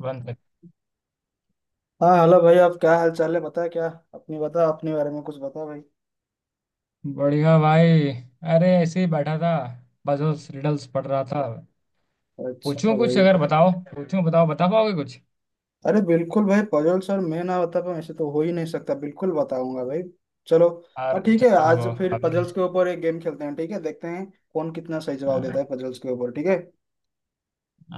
One तक। हाँ, hello भाई। आप क्या हाल चाल है? बता क्या। अपनी बता, अपने बारे में कुछ बता भाई। बढ़िया भाई। अरे ऐसे ही बैठा था। बस उस रिडल्स पढ़ रहा था। पूछूं अच्छा कुछ, भाई। अगर बताओ पूछूं, बताओ बता पाओगे कुछ? अरे बिल्कुल भाई, पजल सर मैं ना बता पाऊँ ऐसे तो हो ही नहीं सकता, बिल्कुल बताऊंगा भाई। चलो, हाँ यार ठीक है। चलो आज रुको। फिर अभी पजल्स के ऊपर एक गेम खेलते हैं, ठीक है? देखते हैं कौन कितना सही जवाब देता अ, है पजल्स के ऊपर, ठीक है?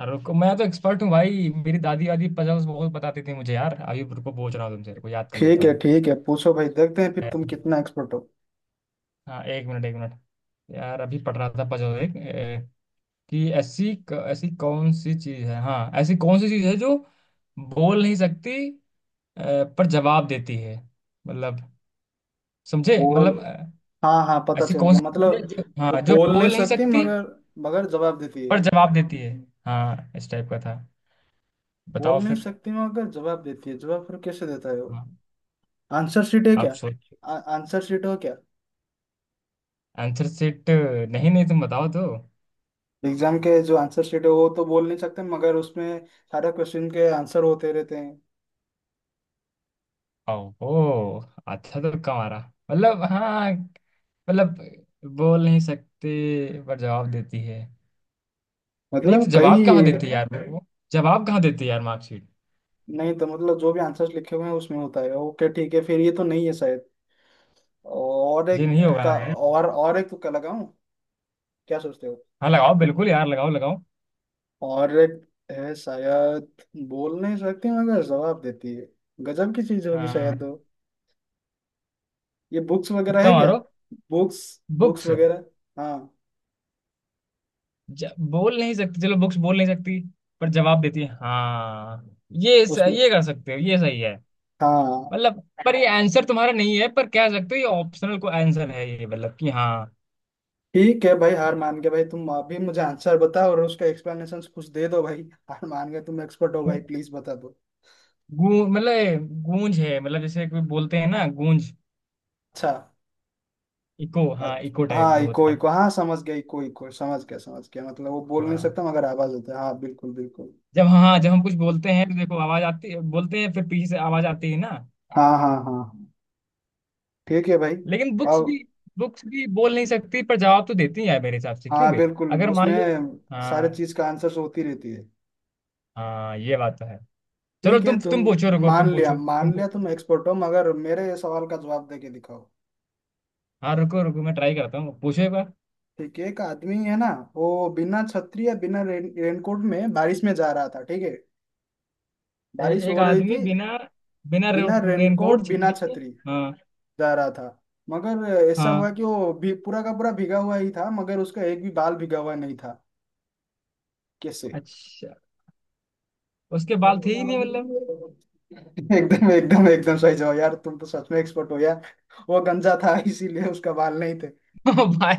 रुको, मैं तो एक्सपर्ट हूँ भाई। मेरी दादी वादी पजल्स बहुत बताती थी मुझे यार। अभी रुको, पूछ रहा हूँ तुमसे, रुको याद कर लेता ठीक है, हूँ। ठीक है, पूछो भाई, देखते हैं फिर ए, तुम कितना एक्सपर्ट हो। हाँ एक मिनट एक मिनट। यार अभी पढ़ रहा था पजल एक कि ऐसी ऐसी कौन सी चीज है? हाँ ऐसी कौन सी चीज है जो बोल नहीं सकती पर जवाब देती है? मतलब, समझे बोल। मतलब हाँ हाँ, पता ऐसी चल कौन गया सी चीज़ है मतलब। जो, वो हाँ, जो बोल नहीं बोल नहीं सकती सकती मगर मगर जवाब देती है। पर जवाब देती है। हाँ इस टाइप का था। बोल बताओ नहीं फिर। सकती मगर जवाब देती है, जवाब फिर कैसे देता है वो? हाँ आंसर शीट है आप क्या? सोच। आंसर शीट हो क्या? आंसर सेट नहीं, नहीं तुम बताओ तो। एग्जाम के जो आंसर शीट है वो तो बोल नहीं सकते मगर उसमें सारे क्वेश्चन के आंसर होते रहते हैं। ओहो, अच्छा तो कम आ रहा मतलब, हाँ मतलब बोल नहीं सकते पर जवाब देती है। नहीं तो मतलब जवाब कहीं, कहाँ देती है यार वो? जवाब कहाँ देती है यार? मार्कशीट? नहीं तो मतलब जो भी आंसर्स लिखे हुए हैं उसमें होता है, ओके ठीक है। फिर ये तो नहीं है शायद, और एक ये नहीं होगा का। ना भाई। और एक तुक्का लगाऊं, क्या सोचते हो? हाँ लगाओ बिल्कुल यार, लगाओ लगाओ। और एक है शायद, बोल नहीं सकती मगर जवाब देती है, गजब की चीज होगी हाँ शायद वो। ये बुक्स वगैरह है तुक्का क्या? मारो। Books, books books. वगैरह, हाँ बोल नहीं सकती, चलो बुक्स बोल नहीं सकती पर जवाब देती है। हाँ ये उसमें, ये कर सकते हो, ये सही है। हाँ। मतलब पर ये आंसर तुम्हारा नहीं है, पर कह सकते हो ये ऑप्शनल को आंसर है, ये मतलब कि हाँ। ठीक है भाई हार मान के, भाई तुम अभी मुझे आंसर बताओ और उसका एक्सप्लेनेशन कुछ दे दो भाई। हार मान गए, तुम एक्सपर्ट हो भाई, प्लीज बता दो। गूंज, मतलब ये गूंज है, मतलब जैसे कोई बोलते हैं ना गूंज। अच्छा। इको, अ, हाँ इको टाइप हाँ जो इको होता है। इको, हाँ समझ गया, इको इको समझ गया, समझ गया मतलब वो बोल नहीं हाँ सकता मगर आवाज होता है, हाँ बिल्कुल बिल्कुल। हाँ जब हम कुछ बोलते हैं तो देखो आवाज आती है, बोलते हैं फिर पीछे से आवाज आती है ना। हाँ हाँ हाँ हाँ। ठीक है भाई, लेकिन बुक्स भी अब। बुक्स भी बोल नहीं सकती पर जवाब तो देती है यार मेरे हिसाब से, क्यों हाँ बे? बिल्कुल, अगर मान उसमें लो, सारे हाँ, चीज का आंसर होती रहती है। हाँ ये बात तो है। चलो ठीक है तुम तुम, तुम पूछो, रुको तुम पूछो, तुम मान लिया पूछो। तुम एक्सपर्ट हो, मगर मेरे सवाल का जवाब दे के दिखाओ। हाँ रुको रुको, मैं ट्राई करता हूँ, पूछो एक बार। ठीक है, एक आदमी है ना, वो बिना छतरी या बिना रेनकोट में बारिश में जा रहा था, ठीक है? बारिश एक हो रही आदमी थी। बिना, बिना बिना रेनकोट, रेनकोट बिना छतरी के। छतरी हाँ, जा रहा था, मगर ऐसा हुआ हाँ। कि वो भी पूरा का पूरा भीगा हुआ ही था मगर उसका एक भी बाल भीगा हुआ नहीं था। कैसे? अच्छा, उसके बाल थे ही नहीं मतलब। एकदम एकदम एकदम सही जवाब! यार तुम तो सच में एक्सपर्ट हो यार। वो गंजा था इसीलिए उसका बाल नहीं थे। ओ भाई,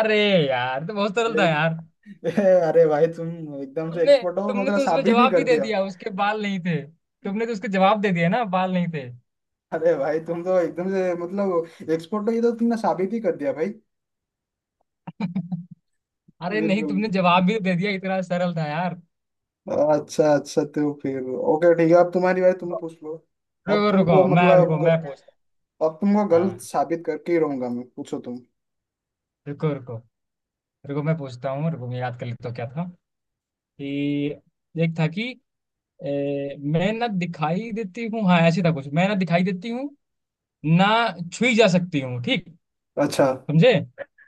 अरे यार तो बहुत सरल ए- था यार। ए- अरे भाई तुम एकदम से तुमने, एक्सपर्ट हो, तुमने मतलब तो उसमें साबित ही जवाब कर भी दे दिया। दिया, उसके बाल नहीं थे। तुमने तो उसके जवाब दे दिया ना, बाल नहीं थे। अरे भाई तुम तो एकदम से मतलब एक्सपोर्ट, तो ये तो तुमने साबित ही कर दिया भाई। अरे नहीं, बिल्कुल। तुमने जवाब भी दे दिया, इतना सरल था यार। अच्छा अच्छा तो फिर, ओके ठीक है, अब तुम्हारी बारी, तुम पूछ लो। अब रुको रुको तुमको मैं, मतलब रुको मैं पूछता। ग- अब तुमको गलत हाँ साबित करके ही रहूंगा मैं, पूछो तुम। रुको रुको। रुको मैं पूछता हूँ, रुको मैं याद कर लेता हूँ क्या था। कि एक था कि मैं ना दिखाई देती हूँ, हाँ ऐसे था कुछ। मैं ना दिखाई देती हूँ ना, छुई जा सकती हूँ, ठीक। अच्छा। समझे?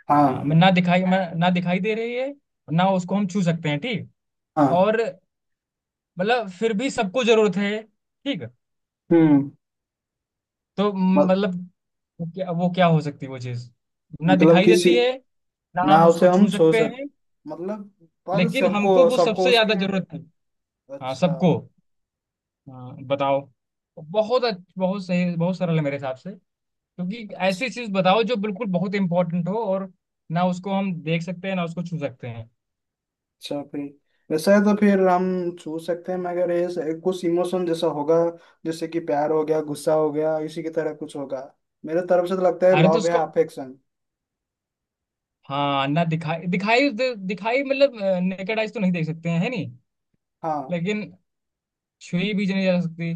हाँ। हाँ मैं ना दिखाई दे रही है ना, उसको हम छू सकते हैं, ठीक। हाँ। और मतलब फिर भी सबको जरूरत है, ठीक। हम्म। तो मत, मतलब वो क्या, वो क्या हो सकती है वो चीज? ना मतलब दिखाई किसी देती है, ना हम नाव उसको से छू हम सो सकते सक, हैं, मतलब पर लेकिन सबको हमको वो सबको सबसे ज्यादा उसकी। जरूरत है। हाँ अच्छा सबको। हाँ बताओ। बहुत सही, बहुत सरल है मेरे हिसाब से। क्योंकि ऐसी अच्छा। चीज बताओ जो बिल्कुल बहुत इंपॉर्टेंट हो, और ना उसको हम देख सकते हैं ना उसको छू सकते हैं। अच्छा फिर वैसा है, तो फिर हम छू सकते हैं मगर ये कुछ इमोशन जैसा होगा, जैसे कि प्यार हो गया, गुस्सा हो गया, इसी की तरह कुछ होगा। मेरे तरफ से तो लगता है अरे तो लव उसको, या अफेक्शन। हाँ ना दिखाई दिखाई दिखाई मतलब नेकेड आइज तो नहीं देख सकते हैं, है नहीं। हाँ। लेकिन छुई भी नहीं जा सकती।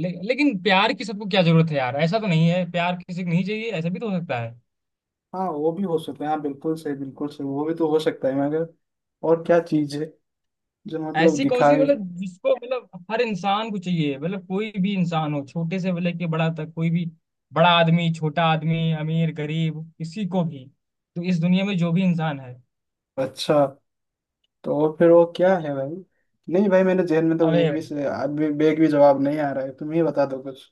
लेकिन प्यार की सबको क्या जरूरत है यार? ऐसा तो नहीं है, प्यार किसी को नहीं चाहिए ऐसा भी तो हो सकता है। हाँ वो भी हो सकता है, हाँ बिल्कुल सही बिल्कुल सही, वो भी तो हो सकता है मगर और क्या चीज है जो मतलब ऐसी कौन सी दिखाए। मतलब जिसको मतलब हर इंसान को चाहिए, मतलब कोई भी इंसान हो छोटे से लेके के बड़ा तक, कोई भी। बड़ा आदमी, छोटा आदमी, अमीर गरीब, किसी को भी। तो इस दुनिया में जो भी इंसान है। अच्छा तो और फिर वो क्या है भाई? नहीं भाई, मेरे जहन में तो अबे, एक भी से अभी एक भी जवाब नहीं आ रहा है, तुम ही बता दो कुछ।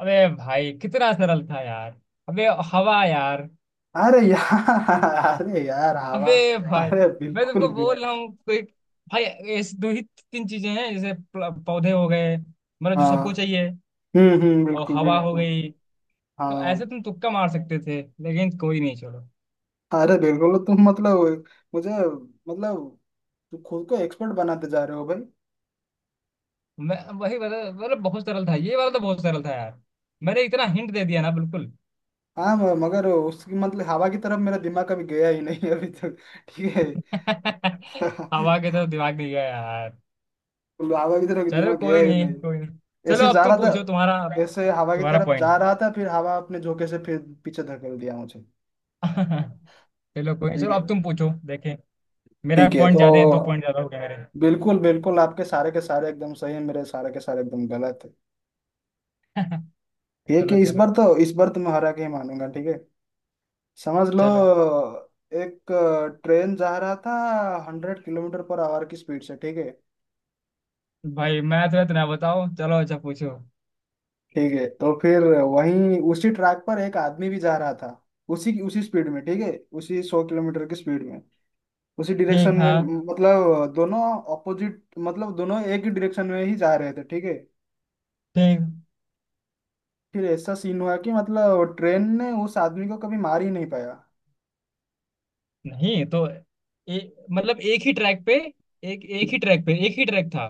अबे भाई कितना सरल था यार। अबे हवा यार। अरे यार अरे यार, हवा! अबे भाई अरे मैं बिल्कुल तुमको बोल रहा बिल्कुल। हूँ, कोई। भाई ऐसी दो ही तीन चीजें हैं, जैसे पौधे हो गए, मतलब जो हाँ सबको चाहिए। और बिल्कुल हवा हो बिल्कुल। गई। तो हाँ। ऐसे तुम तुक्का मार सकते थे, लेकिन कोई नहीं छोड़ो। अरे बिल्कुल, तो तुम मतलब, मुझे मतलब, तुम खुद को एक्सपर्ट बनाते जा रहे हो भाई। मैं वही वाला मतलब बहुत सरल था, ये वाला तो बहुत सरल था यार। मैंने इतना हिंट दे दिया ना, बिल्कुल। हाँ मगर उसकी मतलब हवा की तरफ मेरा दिमाग कभी गया ही नहीं अभी तक। ठीक है। हवा के तो हवा दिमाग नहीं गया यार। की तरफ चलो दिमाग गया कोई ही नहीं, नहीं। कोई नहीं। चलो ऐसे अब जा रहा तुम था, पूछो, तुम्हारा ऐसे हवा की तुम्हारा तरफ जा पॉइंट। रहा था, फिर हवा अपने झोंके से फिर पीछे धकेल दिया मुझे। चलो कोई नहीं, ठीक चलो है, अब तुम पूछो, देखें। मेरा ठीक है पॉइंट तो, ज्यादा है, दो पॉइंट ज्यादा हो गया मेरे। बिल्कुल बिल्कुल, आपके सारे के सारे एकदम सही है, मेरे सारे के सारे एकदम गलत है। ठीक चलो है, चलो। इस बार तो मैं हरा के ही मानूंगा। ठीक है, समझ लो, चलो एक ट्रेन जा रहा था, 100 किलोमीटर पर आवर की स्पीड से, ठीक है? भाई मैं तो इतना बताओ, चलो अच्छा पूछो। ठीक है, तो फिर वहीं उसी ट्रैक पर एक आदमी भी जा रहा था, उसी की उसी स्पीड में, ठीक है? उसी 100 किलोमीटर की स्पीड में, उसी डायरेक्शन ठीक में, हाँ। मतलब दोनों अपोजिट, मतलब दोनों एक ही डायरेक्शन में ही जा रहे थे, ठीक है? ठीक। फिर ऐसा सीन हुआ कि मतलब ट्रेन ने उस आदमी को कभी मार ही नहीं पाया। नहीं तो मतलब एक ही ट्रैक पे, एक एक ही ट्रैक पे, एक ही ट्रैक था?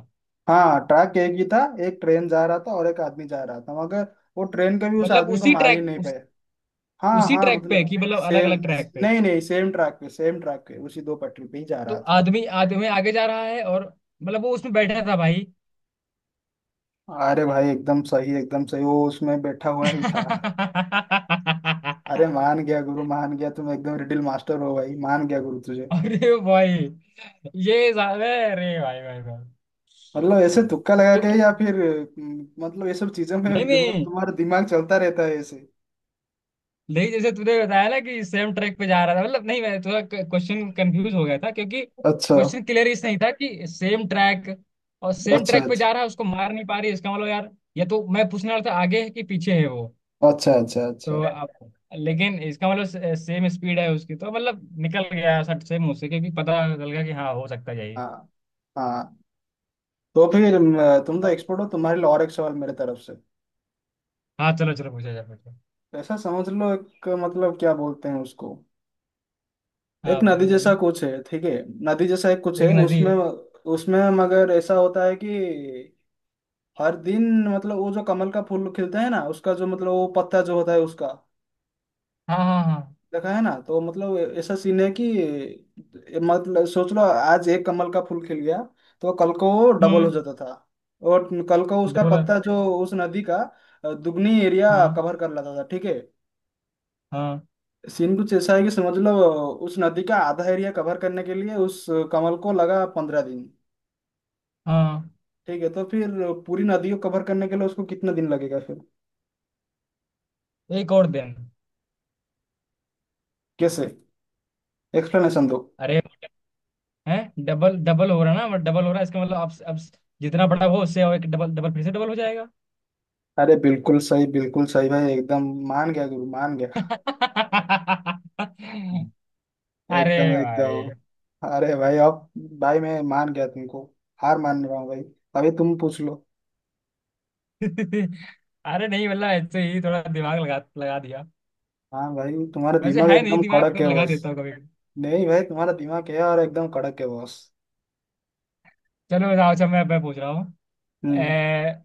हाँ, ट्रैक एक ही था, एक ट्रेन जा रहा था और एक आदमी जा रहा था मगर वो ट्रेन कभी उस मतलब आदमी को उसी मार ही ट्रैक, नहीं पाया। हाँ उसी हाँ ट्रैक पे मतलब कि मतलब अलग सेम। अलग ट्रैक पे? नहीं नहीं, सेम ट्रैक पे, सेम ट्रैक पे उसी दो पटरी पे ही जा तो रहा था। आदमी, आदमी आगे जा रहा है और, मतलब वो उसमें बैठा था भाई। अरे भाई एकदम सही एकदम सही, वो उसमें बैठा हुआ ही था। अरे मान गया गुरु, मान गया, तुम एकदम रिडिल मास्टर हो भाई, मान गया गुरु तुझे। अरे भाई ये साहब, अरे भाई भाई भाई। मतलब ऐसे तुक्का लगा के क्योंकि, या फिर मतलब ये सब चीजों नहीं में नहीं, तुम्हारा दिमाग चलता रहता है ऐसे। लेकिन जैसे तूने बताया ना कि सेम ट्रैक पे जा रहा था, मतलब नहीं, मैं थोड़ा क्वेश्चन कंफ्यूज हो गया था क्योंकि अच्छा क्वेश्चन क्लियर इस नहीं था कि सेम ट्रैक। और सेम अच्छा ट्रैक पे अच्छा। जा रहा है, उसको मार नहीं पा रही, इसका मतलब यार। या तो मैं पूछने वाला था आगे है कि पीछे है वो। अच्छा अच्छा अच्छा। तो अब लेकिन इसका मतलब सेम स्पीड है उसकी, तो मतलब निकल गया सट से मुंह से क्योंकि पता चल गया कि हाँ हो सकता है यही। हाँ। हाँ तो फिर तुम तो तो, एक्सपर्ट हो, तुम्हारे लिए और एक सवाल मेरे तरफ से। हाँ चलो चलो पूछा जाए पूछो। ऐसा समझ लो, एक मतलब क्या बोलते हैं उसको, एक हाँ नदी बोलो बोलो। जैसा कुछ है, ठीक है? नदी जैसा एक कुछ एक है नदी उसमें, है। उसमें मगर ऐसा होता है कि हर दिन मतलब, वो जो कमल का फूल खिलता है ना, उसका जो मतलब वो पत्ता जो होता है उसका, हाँ हाँ हाँ। देखा है ना? तो मतलब ऐसा सीन है कि, मतलब सोच लो आज एक कमल का फूल खिल गया, तो कल को वो डबल हो हम्म। जाता था, और कल को उसका डबल। पत्ता जो उस नदी का दुगनी एरिया हाँ कवर कर लेता था, ठीक है? हाँ सीन कुछ ऐसा है कि समझ लो, उस नदी का आधा एरिया कवर करने के लिए उस कमल को लगा 15 दिन, हाँ। ठीक है? तो फिर पूरी नदी को कवर करने के लिए उसको कितना दिन लगेगा फिर? एक और दिन। कैसे, एक्सप्लेनेशन दो। अरे है, डबल डबल हो रहा है ना, डबल हो रहा है, इसका मतलब अब जितना बड़ा वो, उससे और एक डबल, डबल फिर से डबल हो जाएगा। अरे बिल्कुल सही भाई, एकदम मान गया गुरु, मान गया। हम्म। अरे एकदम भाई। एकदम। अरे भाई अब, भाई मैं मान गया तुमको, हार मान रहा हूँ भाई, अभी तुम पूछ लो। अरे नहीं मतलब ऐसे ही थोड़ा दिमाग लगा लगा दिया। हाँ भाई तुम्हारा वैसे दिमाग है नहीं एकदम दिमाग, कड़क पर है लगा बस। देता हूँ कभी कभी। नहीं भाई, तुम्हारा दिमाग है और एकदम कड़क है बस। चलो बताओ, अच्छा मैं पूछ रहा हूँ। हम्म। ए,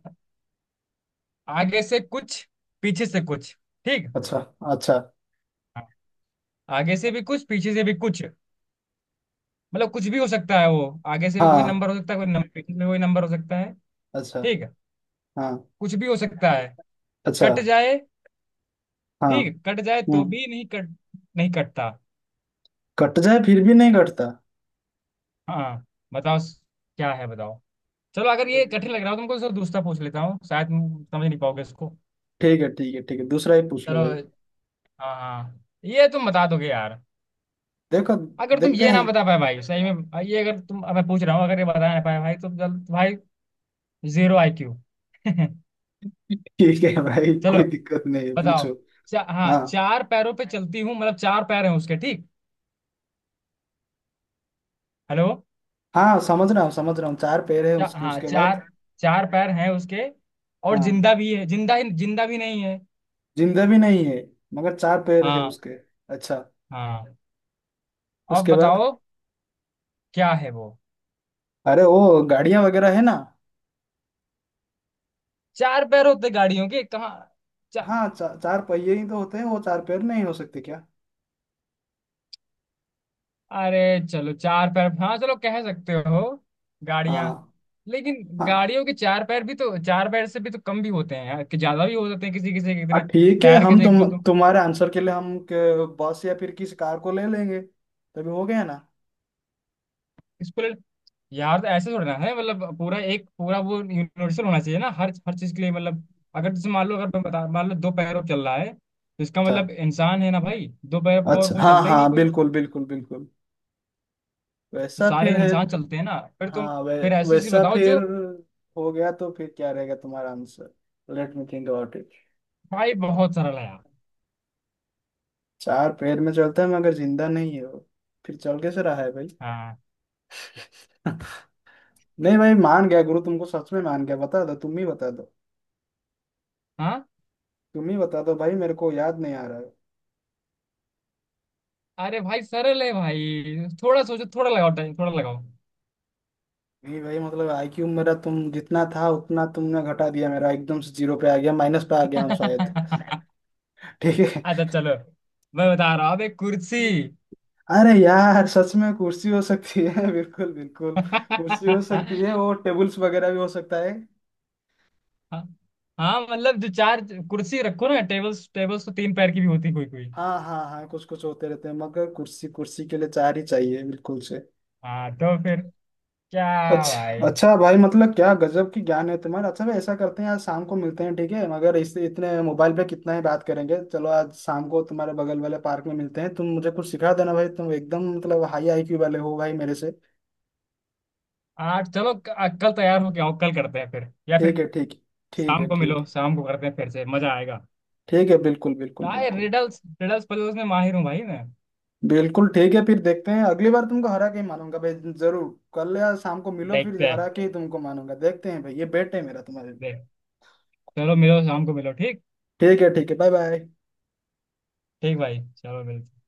आगे से कुछ, पीछे से कुछ, ठीक। अच्छा। अच्छा। हाँ। आगे से भी कुछ, पीछे से भी कुछ, मतलब कुछ भी हो सकता है वो, आगे से भी कोई हाँ। नंबर हो सकता है, कोई नंबर पीछे से भी कोई नंबर हो सकता है। अच्छा। ठीक है। हाँ। कुछ भी हो सकता है। अच्छा। कट जाए, हाँ। ठीक, कट जाए तो हम्म। भी नहीं कट, नहीं कटता। कट जाए फिर भी नहीं कटता? हाँ बताओ, क्या है बताओ। चलो अगर ये कठिन लग रहा हो तुमको तो दूसरा पूछ लेता हूँ, शायद तुम समझ नहीं पाओगे इसको। ठीक है ठीक है ठीक है, दूसरा ही पूछ लो चलो। भाई। हाँ हाँ ये तुम बता दोगे यार। देखो। अगर तुम देखते ये ना हैं। बता पाए भाई सही में ये, अगर तुम, अब मैं पूछ रहा हूँ, अगर ये बता ना पाए भाई तो जल भाई। Zero IQ. ठीक है भाई, चलो कोई दिक्कत नहीं है, पूछो। बताओ। हाँ हाँ चार पैरों पे चलती हूँ, मतलब चार पैर हैं उसके, ठीक? हेलो? हाँ, समझ रहा हूँ समझ रहा हूँ, चार पैर है उसके, हाँ उसके बाद? चार चार पैर हैं उसके, और हाँ। जिंदा भी है, जिंदा ही, जिंदा भी नहीं है। जिंदा भी नहीं है मगर चार पैर है हाँ उसके। अच्छा। हाँ। अब उसके बाद? बताओ क्या है वो। अरे वो गाड़ियां वगैरह है ना? चार पैर होते गाड़ियों के कहाँ? चा, हाँ चार पहिए ही तो होते हैं, वो चार पैर नहीं हो सकते क्या? अरे चलो चार पैर, हाँ चलो कह सकते हो। गाड़ियां। हाँ लेकिन हाँ गाड़ियों के चार पैर भी तो, चार पैर से भी तो कम भी होते हैं यार, कि ज्यादा भी हो जाते हैं किसी किसी के इतने ठीक है टायर, के हम देख तुम, लो तुम तुम्हारे आंसर के लिए हम के बस या फिर किसी कार को ले लेंगे तभी हो गया ना? इसको। यार तो ऐसे थोड़ा ना है, मतलब पूरा एक पूरा वो यूनिवर्सल होना चाहिए ना, हर हर चीज के लिए मतलब। अगर जैसे मान लो, अगर मैं बता, मान लो दो पैरों पे चल रहा है, तो इसका अच्छा मतलब इंसान है ना भाई, दो पैरों पर और अच्छा, कौन हाँ चलता ही नहीं हाँ कोई। बिल्कुल बिल्कुल बिल्कुल, तो वैसा फिर सारे है। इंसान चलते हैं ना फिर तुम, हाँ फिर ऐसी चीज वैसा बताओ फिर जो। हो गया, तो फिर क्या रहेगा तुम्हारा answer? Let me think about it. भाई बहुत सरल है यार। चार पैर में चलता है मगर जिंदा नहीं है वो, फिर चल कैसे रहा है भाई? हाँ नहीं भाई मान गया गुरु तुमको, सच में मान गया, बता दो, तुम ही बता दो, हाँ। तुम ही बता दो भाई, मेरे को याद नहीं आ रहा है। अरे भाई सरल है भाई, थोड़ा सोचो, थोड़ा लगाओ टाइम, थोड़ा लगाओ। नहीं भाई मतलब आईक्यू मेरा तुम जितना था उतना तुमने घटा दिया, मेरा एकदम से जीरो पे आ गया, माइनस पे आ गया हूँ शायद। अच्छा। ठीक चलो मैं बता रहा हूँ अब, एक कुर्सी। है। अरे यार सच में कुर्सी हो सकती है! बिल्कुल बिल्कुल, कुर्सी हो सकती है और टेबल्स वगैरह भी हो सकता है। हाँ मतलब जो चार, कुर्सी रखो ना, टेबल्स, टेबल्स तो तीन पैर की भी होती कोई कोई। हाँ हाँ हाँ, कुछ कुछ होते रहते हैं मगर कुर्सी, कुर्सी के लिए चार ही चाहिए बिल्कुल से। हाँ तो फिर क्या? अच्छा भाई अच्छा भाई, मतलब क्या गजब की ज्ञान है तुम्हारा। अच्छा भाई ऐसा करते हैं, आज शाम को मिलते हैं, ठीक है? मगर इससे इतने मोबाइल पे कितना ही बात करेंगे, चलो आज शाम को तुम्हारे बगल वाले पार्क में मिलते हैं, तुम मुझे कुछ सिखा देना भाई, तुम एकदम मतलब हाई आईक्यू वाले हो भाई मेरे से। आठ, चलो कल तैयार हो के आओ, कल करते हैं फिर, या फिर ठीक है ठीक है, ठीक शाम है को ठीक मिलो, है शाम को करते हैं फिर से मजा आएगा। ठीक है, बिल्कुल बिल्कुल भाई बिल्कुल रिडल्स, रिडल्स पजल्स में माहिर हूँ भाई मैं। बिल्कुल ठीक है, फिर देखते हैं अगली बार तुमको हरा के ही मानूंगा भाई जरूर। कल या शाम को मिलो, फिर देखते हरा हैं। के ही तुमको मानूंगा, देखते हैं भाई, ये बेट है मेरा तुम्हारे लिए। देख। चलो मिलो, शाम को मिलो, ठीक। ठीक है ठीक है, बाय बाय। ठीक भाई, चलो मिलते हैं।